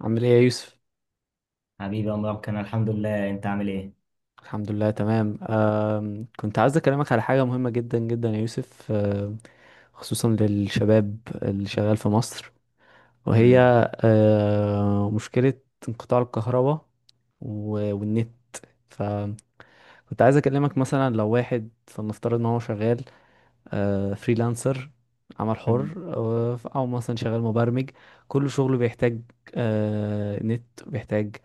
عامل ايه يا يوسف؟ حبيبي يا مبارك، انا الحمد لله، انت عامل ايه؟ الحمد لله تمام. كنت عايز اكلمك على حاجه مهمه جدا جدا يا يوسف، خصوصا للشباب اللي شغال في مصر. وهي امم. مشكله انقطاع الكهرباء و- والنت. فكنت عايز اكلمك، مثلا لو واحد فلنفترض ان هو شغال فريلانسر، عمل امم. حر، او مثلا شغال مبرمج. كل شغله بيحتاج نت، بيحتاج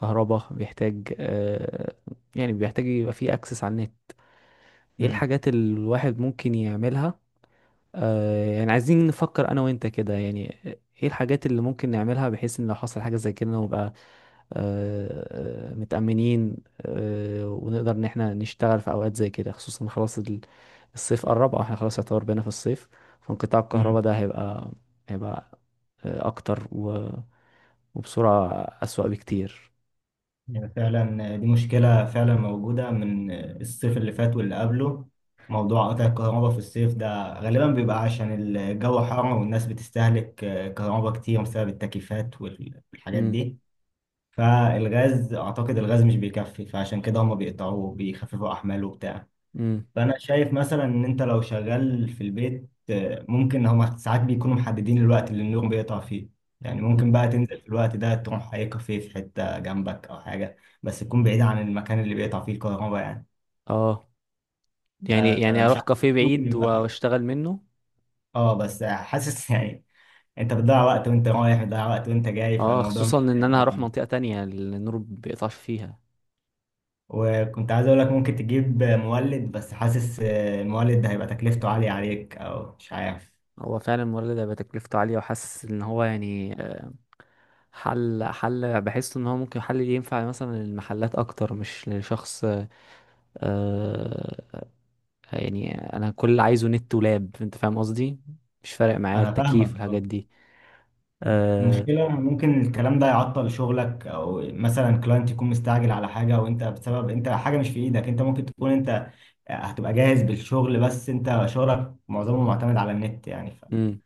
كهرباء، بيحتاج يعني بيحتاج يبقى فيه اكسس على النت. ايه امم. الحاجات اللي الواحد ممكن يعملها؟ يعني عايزين نفكر انا وانت كده يعني. ايه الحاجات اللي ممكن نعملها بحيث ان لو حصل حاجة زي كده نبقى متأمنين ونقدر ان احنا نشتغل في اوقات زي كده، خصوصا خلاص ال- الصيف قرب، او احنا خلاص يعتبر بينا في الصيف. فانقطاع أمم. الكهرباء ده هيبقى اكتر و- وبسرعة اسوأ بكتير. يعني فعلا دي مشكله فعلا موجوده من الصيف اللي فات واللي قبله. موضوع قطع الكهرباء في الصيف ده غالبا بيبقى عشان الجو حر والناس بتستهلك كهرباء كتير بسبب التكييفات والحاجات امم، دي. فالغاز اعتقد الغاز مش بيكفي، فعشان كده هم بيقطعوه، بيخففوا احماله وبتاع. امم. فانا شايف مثلا ان انت لو شغال في البيت، ممكن هما ساعات بيكونوا محددين الوقت اللي النور بيقطع فيه. يعني ممكن بقى تنزل في الوقت ده، تروح اي كافيه في حته جنبك او حاجه، بس تكون بعيد عن المكان اللي بيقطع فيه الكهرباء يعني. اه يعني، مش اروح عارف. كافيه ممكن بعيد يبقى. واشتغل منه. اه بس حاسس يعني انت بتضيع وقت وانت رايح، بتضيع وقت وانت جاي، اه، فالموضوع خصوصا مش ان انا هيبقى. هروح منطقة تانية اللي النور بيقطعش فيها. وكنت عايز اقول لك ممكن تجيب مولد، بس حاسس المولد ده هيبقى تكلفته عاليه عليك، او مش عارف. هو فعلا الموارد ده بتكلفته عالية، وحاسس ان هو يعني حل. بحس ان هو ممكن حل ينفع مثلا للمحلات اكتر مش لشخص. آه يعني انا كل اللي عايزه نت ولاب، انت فاهم قصدي. مش فارق معايا انا فاهمك. التكييف والحاجات دي. آه مشكلة ممكن الكلام ده يعطل شغلك، او مثلا كلاينت يكون مستعجل على حاجة وانت بسبب انت حاجة مش في ايدك، انت ممكن تكون انت هتبقى جاهز بالشغل، بس انت شغلك معظمه معتمد على النت يعني. مم.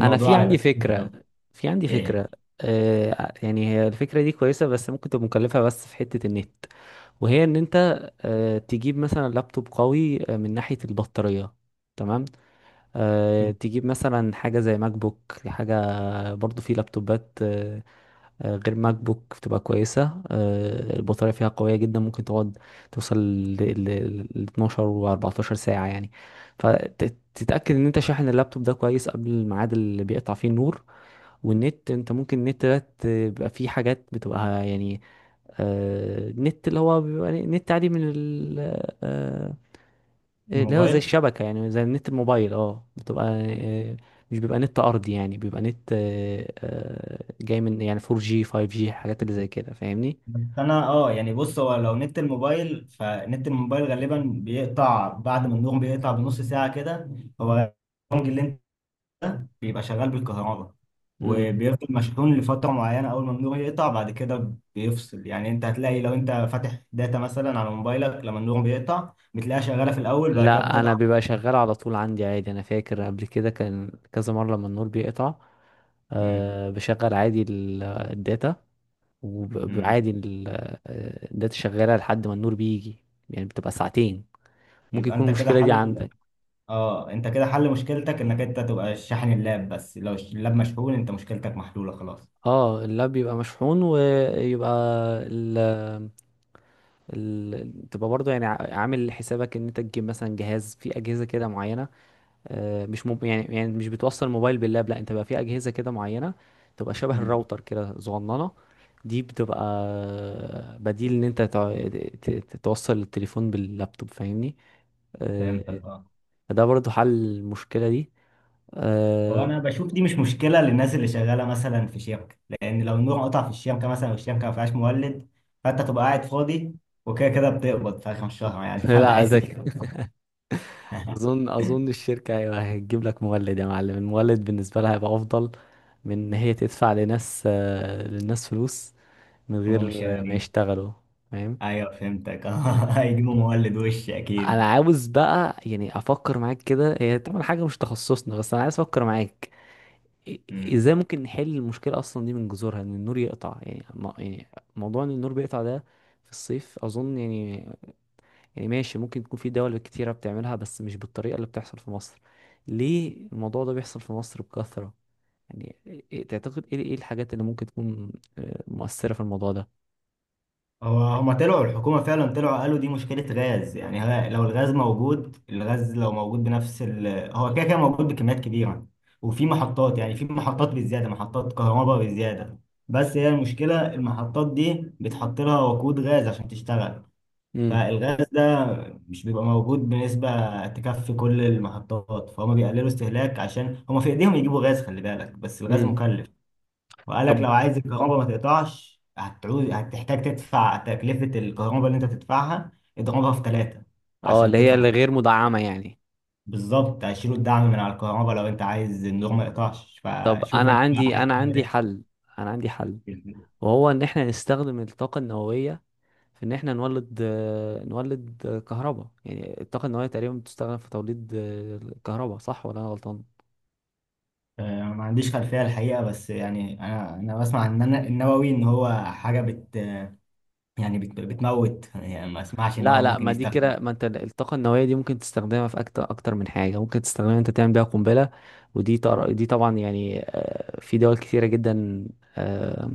انا هيبقى. في عندي إيه؟ فكرة. يعني هي الفكرة دي كويسة بس ممكن تبقى مكلفة، بس في حتة النت. وهي ان انت تجيب مثلا لابتوب قوي من ناحية البطارية. تمام. تجيب مثلا حاجة زي ماك بوك، حاجة برضو في لابتوبات غير ماك بوك بتبقى كويسة، البطارية فيها قوية جدا، ممكن تقعد توصل ل ل 12 و 14 ساعة يعني. فتتأكد ان انت شاحن اللابتوب ده كويس قبل الميعاد اللي بيقطع فيه النور. والنت، انت ممكن النت ده بيبقى فيه حاجات بتبقى يعني النت اللي هو بيبقى نت عادي من ال آه، اللي هو زي الموبايل. الشبكة، يعني زي النت الموبايل، اه بتبقى آه، مش بيبقى نت أرضي، يعني بيبقى نت جاي من يعني 4G 5G حاجات اللي زي كده، فاهمني. بس انا يعني بص، هو لو نت الموبايل، فنت الموبايل غالبا بيقطع بعد ما النوم بيقطع بنص ساعة كده. هو البنج اللي بيبقى شغال بالكهرباء مم. وبيفضل مشحون لفترة معينة، أول ما النور يقطع بعد كده بيفصل، يعني أنت هتلاقي لو أنت فاتح داتا مثلا على موبايلك لما النور بيقطع، بتلاقيها شغالة في الأول، بعد كده لا، أنا بتضعف. بيبقى شغال على طول عندي عادي. أنا فاكر قبل كده كان كذا مرة لما النور بيقطع مم. بشغل عادي ال- الداتا. مم. وعادي الداتا شغالة لحد ما النور بيجي، يعني بتبقى ساعتين. ممكن يبقى يكون أنت كده المشكلة دي حل. عندك. أه، أنت كده حل مشكلتك إنك أنت تبقى شاحن اللاب، بس لو اللاب مشحون أنت مشكلتك محلولة خلاص. اه، اللاب بيبقى مشحون ويبقى تبقى برضه، يعني عامل حسابك ان انت تجيب مثلا جهاز، في اجهزه كده معينه مش مب... يعني يعني مش بتوصل موبايل باللاب. لا، انت بقى في اجهزه كده معينه تبقى شبه مم. الراوتر كده صغننه. دي بتبقى بديل ان انت توصل التليفون باللابتوب، فاهمني. آه، فهمتك، أه. ده برضه حل المشكله دي. هو آه، انا بشوف دي مش مشكله للناس اللي شغاله مثلا في شركه، لان لو النور قطع في الشركه مثلا والشركه ما فيهاش مولد، فانت تبقى قاعد فاضي، وكده كده بتقبض في اخر الشهر يعني لا فبحس ده دي كده اظن اظن الشركه، ايوه، هتجيب لك مولد يا معلم. المولد بالنسبه لها هيبقى افضل من ان هي تدفع لناس آه، للناس فلوس من هم مش غير ما شغالين. يشتغلوا. فاهم. ايوه فهمتك هيجيبوا مولد وش انا اكيد. عاوز بقى يعني افكر معاك كده، هي طبعا حاجه مش تخصصنا، بس انا عايز افكر معاك. ازاي ممكن نحل المشكله اصلا دي من جذورها، ان النور يقطع يعني يعني موضوع ان النور بيقطع ده في الصيف، اظن يعني. ماشي، ممكن تكون في دول كتيرة بتعملها بس مش بالطريقة اللي بتحصل في مصر. ليه الموضوع ده بيحصل في مصر بكثرة يعني؟ تعتقد ايه، الحاجات اللي ممكن تكون مؤثرة في الموضوع ده؟ هو هما طلعوا الحكومة فعلا، طلعوا قالوا دي مشكلة غاز يعني، لو الغاز موجود، الغاز لو موجود بنفس ال. هو كده كده موجود بكميات كبيرة، وفي محطات، يعني في محطات بالزيادة، محطات كهرباء بالزيادة. بس هي المشكلة المحطات دي بتحط لها وقود غاز عشان تشتغل. امم، فالغاز ده مش بيبقى موجود بنسبة تكفي كل المحطات، فهم بيقللوا استهلاك عشان هما في ايديهم يجيبوا غاز، خلي بالك، بس الغاز امم. مكلف. وقال لك طب، لو عايز الكهرباء ما تقطعش هتعود، هتحتاج تدفع تكلفة الكهرباء اللي انت تدفعها اضربها في ثلاثة اه، عشان اللي هي تدفع. الغير مدعمة يعني. بالظبط، هيشيلوا الدعم من على الكهرباء، لو انت عايز النور ما يقطعش طب فشوف انت بقى عايز تعمل انا عندي حل، ايه. وهو ان احنا نستخدم الطاقة النووية في ان احنا نولد كهرباء. يعني الطاقة النووية تقريبا بتستخدم في توليد الكهرباء، صح ولا انا غلطان؟ ما عنديش خلفية الحقيقة، بس يعني انا بسمع ان انا النووي ان هو حاجة يعني بتموت، يعني ما اسمعش ان لا، هو لا، ممكن ما دي يستخدم. كده. ما انت الطاقة النووية دي ممكن تستخدمها في أكتر أكتر من حاجة، ممكن تستخدمها انت تعمل بيها قنبلة، دي طبعا يعني في دول كتيرة جدا آه،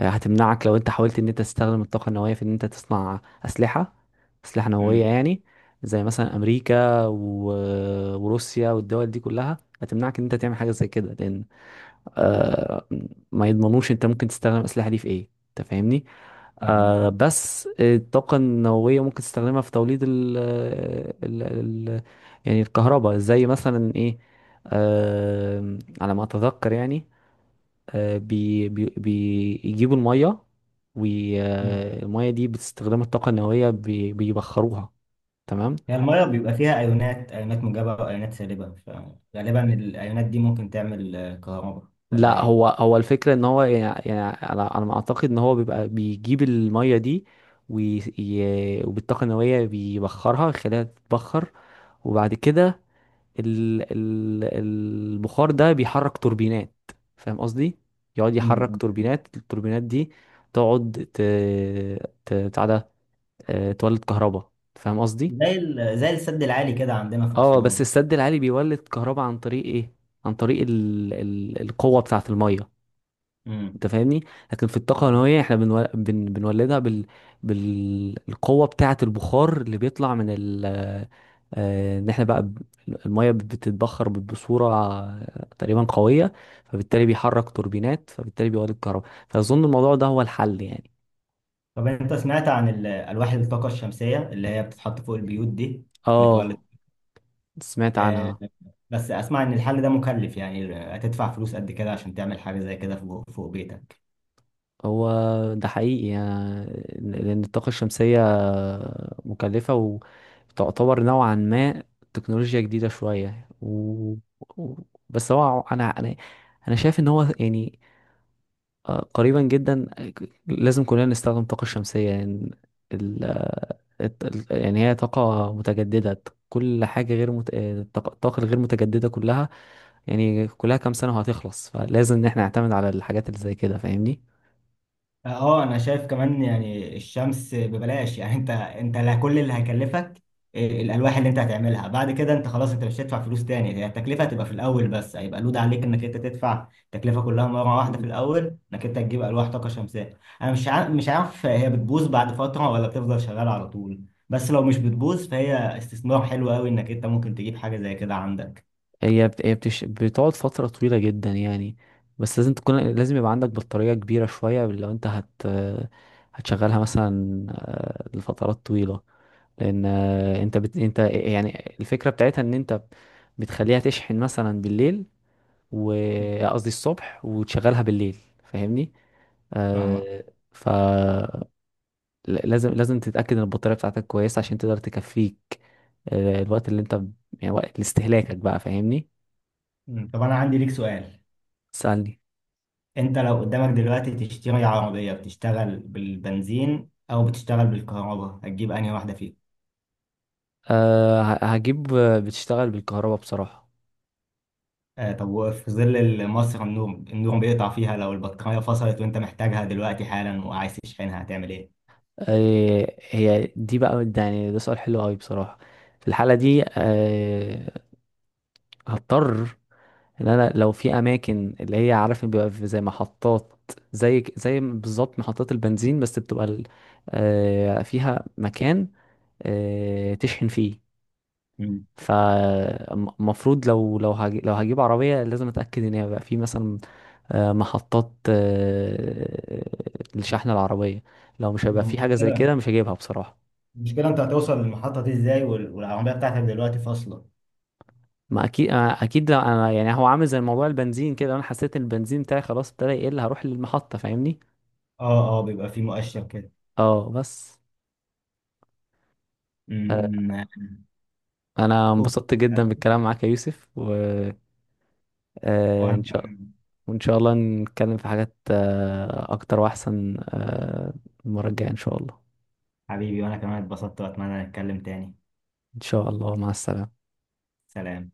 هتمنعك لو انت حاولت ان انت تستخدم الطاقة النووية في ان انت تصنع أسلحة، أسلحة نووية مم. يعني، زي مثلا أمريكا و... وروسيا والدول دي كلها هتمنعك ان انت تعمل حاجة زي كده، لأن آه ما يضمنوش انت ممكن تستخدم الاسلحه دي في ايه، انت فاهمني. فاهمك. بس الطاقه النوويه ممكن تستخدمها في توليد ال ال ال يعني الكهرباء، زي مثلا ايه، على ما اتذكر يعني. آه بي بي بيجيبوا الميه، اه والميه دي بتستخدم الطاقه النوويه بيبخروها. تمام. هي المية بيبقى فيها أيونات، أيونات موجبة وأيونات سالبة، فغالبا الأيونات دي ممكن تعمل كهرباء ولا لا، إيه؟ هو الفكرة ان هو يعني، يعني انا ما اعتقد ان هو بيبقى بيجيب المية دي وي- ي- وبالطاقة النووية بيبخرها، يخليها تتبخر. وبعد كده ال ال البخار ده بيحرك توربينات، فاهم قصدي؟ يقعد يحرك مم. توربينات، التوربينات دي تقعد ت ت بتاع ده آه، تولد كهرباء، فاهم قصدي؟ زي زي السد العالي كده عندنا في اه، أسوان، بس صح؟ السد العالي بيولد كهرباء عن طريق ايه؟ عن طريق ال القوة بتاعة المية. امم. انت فاهمني. لكن في الطاقه فاهم. النوويه احنا بنولدها بالقوه بتاعه البخار اللي بيطلع من ال آه، ان احنا بقى ب- الميه. بتتبخر بصوره تقريبا قويه، فبالتالي بيحرك توربينات، فبالتالي بيولد كهرباء، فاظن الموضوع ده هو الحل يعني. طب أنت سمعت عن ألواح الطاقة الشمسية اللي هي بتتحط فوق البيوت دي بتولد. اه، سمعت آه عنها. بس أسمع إن الحل ده مكلف، يعني هتدفع فلوس قد كده عشان تعمل حاجة زي كده فوق فوق بيتك. هو ده حقيقي يعني، لأن الطاقة الشمسية مكلفة، وتعتبر نوعا ما تكنولوجيا جديدة شوية. و... بس هو أنا، شايف إن هو يعني قريبا جدا لازم كلنا نستخدم الطاقة الشمسية يعني. ال... آه، الت- ال- يعني هي طاقة متجددة، كل حاجة غير مت... آه، الطاقة الغير متجددة كلها، يعني كلها كام سنة وهتخلص، فلازم إن احنا نعتمد على الحاجات اللي زي كده، فاهمني؟ اه انا شايف كمان يعني الشمس ببلاش، يعني انت لا، كل اللي هيكلفك إيه، الالواح اللي انت هتعملها، بعد كده انت خلاص انت مش هتدفع فلوس تاني، هي التكلفه هتبقى في الاول، بس هيبقى لود عليك انك انت تدفع التكلفه كلها مره واحده في الاول، انك انت تجيب الواح طاقه شمسيه. انا مش عارف، مش عارف هي بتبوظ بعد فتره ولا بتفضل شغاله على طول، بس لو مش بتبوظ فهي استثمار حلو قوي، انك انت ممكن تجيب حاجه زي كده عندك. هي بت... هي بتش... بتقعد فترة طويلة جدا يعني. بس لازم تكون، لازم يبقى عندك بطارية كبيرة شوية لو انت هتشغلها مثلا لفترات طويلة، لأن انت يعني الفكرة بتاعتها ان انت بتخليها تشحن مثلا بالليل و آه، قصدي الصبح، وتشغلها بالليل، فاهمني؟ فاهمك. آه... ف لازم تتأكد ان البطارية بتاعتك كويسة عشان تقدر تكفيك الوقت اللي انت يعني وقت لاستهلاكك بقى، فاهمني؟ مم. طب انا عندي ليك سؤال. سألني. انت لو قدامك دلوقتي تشتري عربية بتشتغل بالبنزين او بتشتغل بالكهرباء، هتجيب انهي واحدة فيهم؟ أه، هجيب بتشتغل بالكهرباء بصراحة. طب وفي ظل مصر، النور بيقطع فيها، لو البطارية فصلت وانت محتاجها دلوقتي حالا وعايز تشحنها، هتعمل ايه؟ هي دي بقى، يعني ده سؤال حلو قوي بصراحة. في الحالة دي هضطر ان انا لو في اماكن اللي هي عارف إن بيبقى في زي محطات، زي زي بالظبط محطات البنزين، بس بتبقى ال- أه فيها مكان تشحن فيه. مم. فالمفروض لو هجيب عربية لازم اتأكد ان هي بقى في مثلا محطات الشحن العربية. لو مش هو هيبقى في حاجة زي المشكلة كده مش هجيبها بصراحة. المشكلة انت هتوصل للمحطة دي ازاي والعربية بتاعتك دلوقتي فاصلة؟ ما اكيد، أنا اكيد لو انا يعني هو عامل زي موضوع البنزين كده، لو انا حسيت ان البنزين بتاعي خلاص ابتدى يقل هروح للمحطة، فاهمني. اه، اه، بيبقى في مؤشر كده. اه، بس. آه، مم. انا أوه. انبسطت جدا بالكلام معاك يا يوسف، وانا شاء كمان- وان شاء الله نتكلم في حاجات اكتر واحسن المرة الجاية ان شاء الله. حبيبي وانا كمان اتبسطت، واتمنى نتكلم تاني. ان شاء الله، مع السلامة. سلام.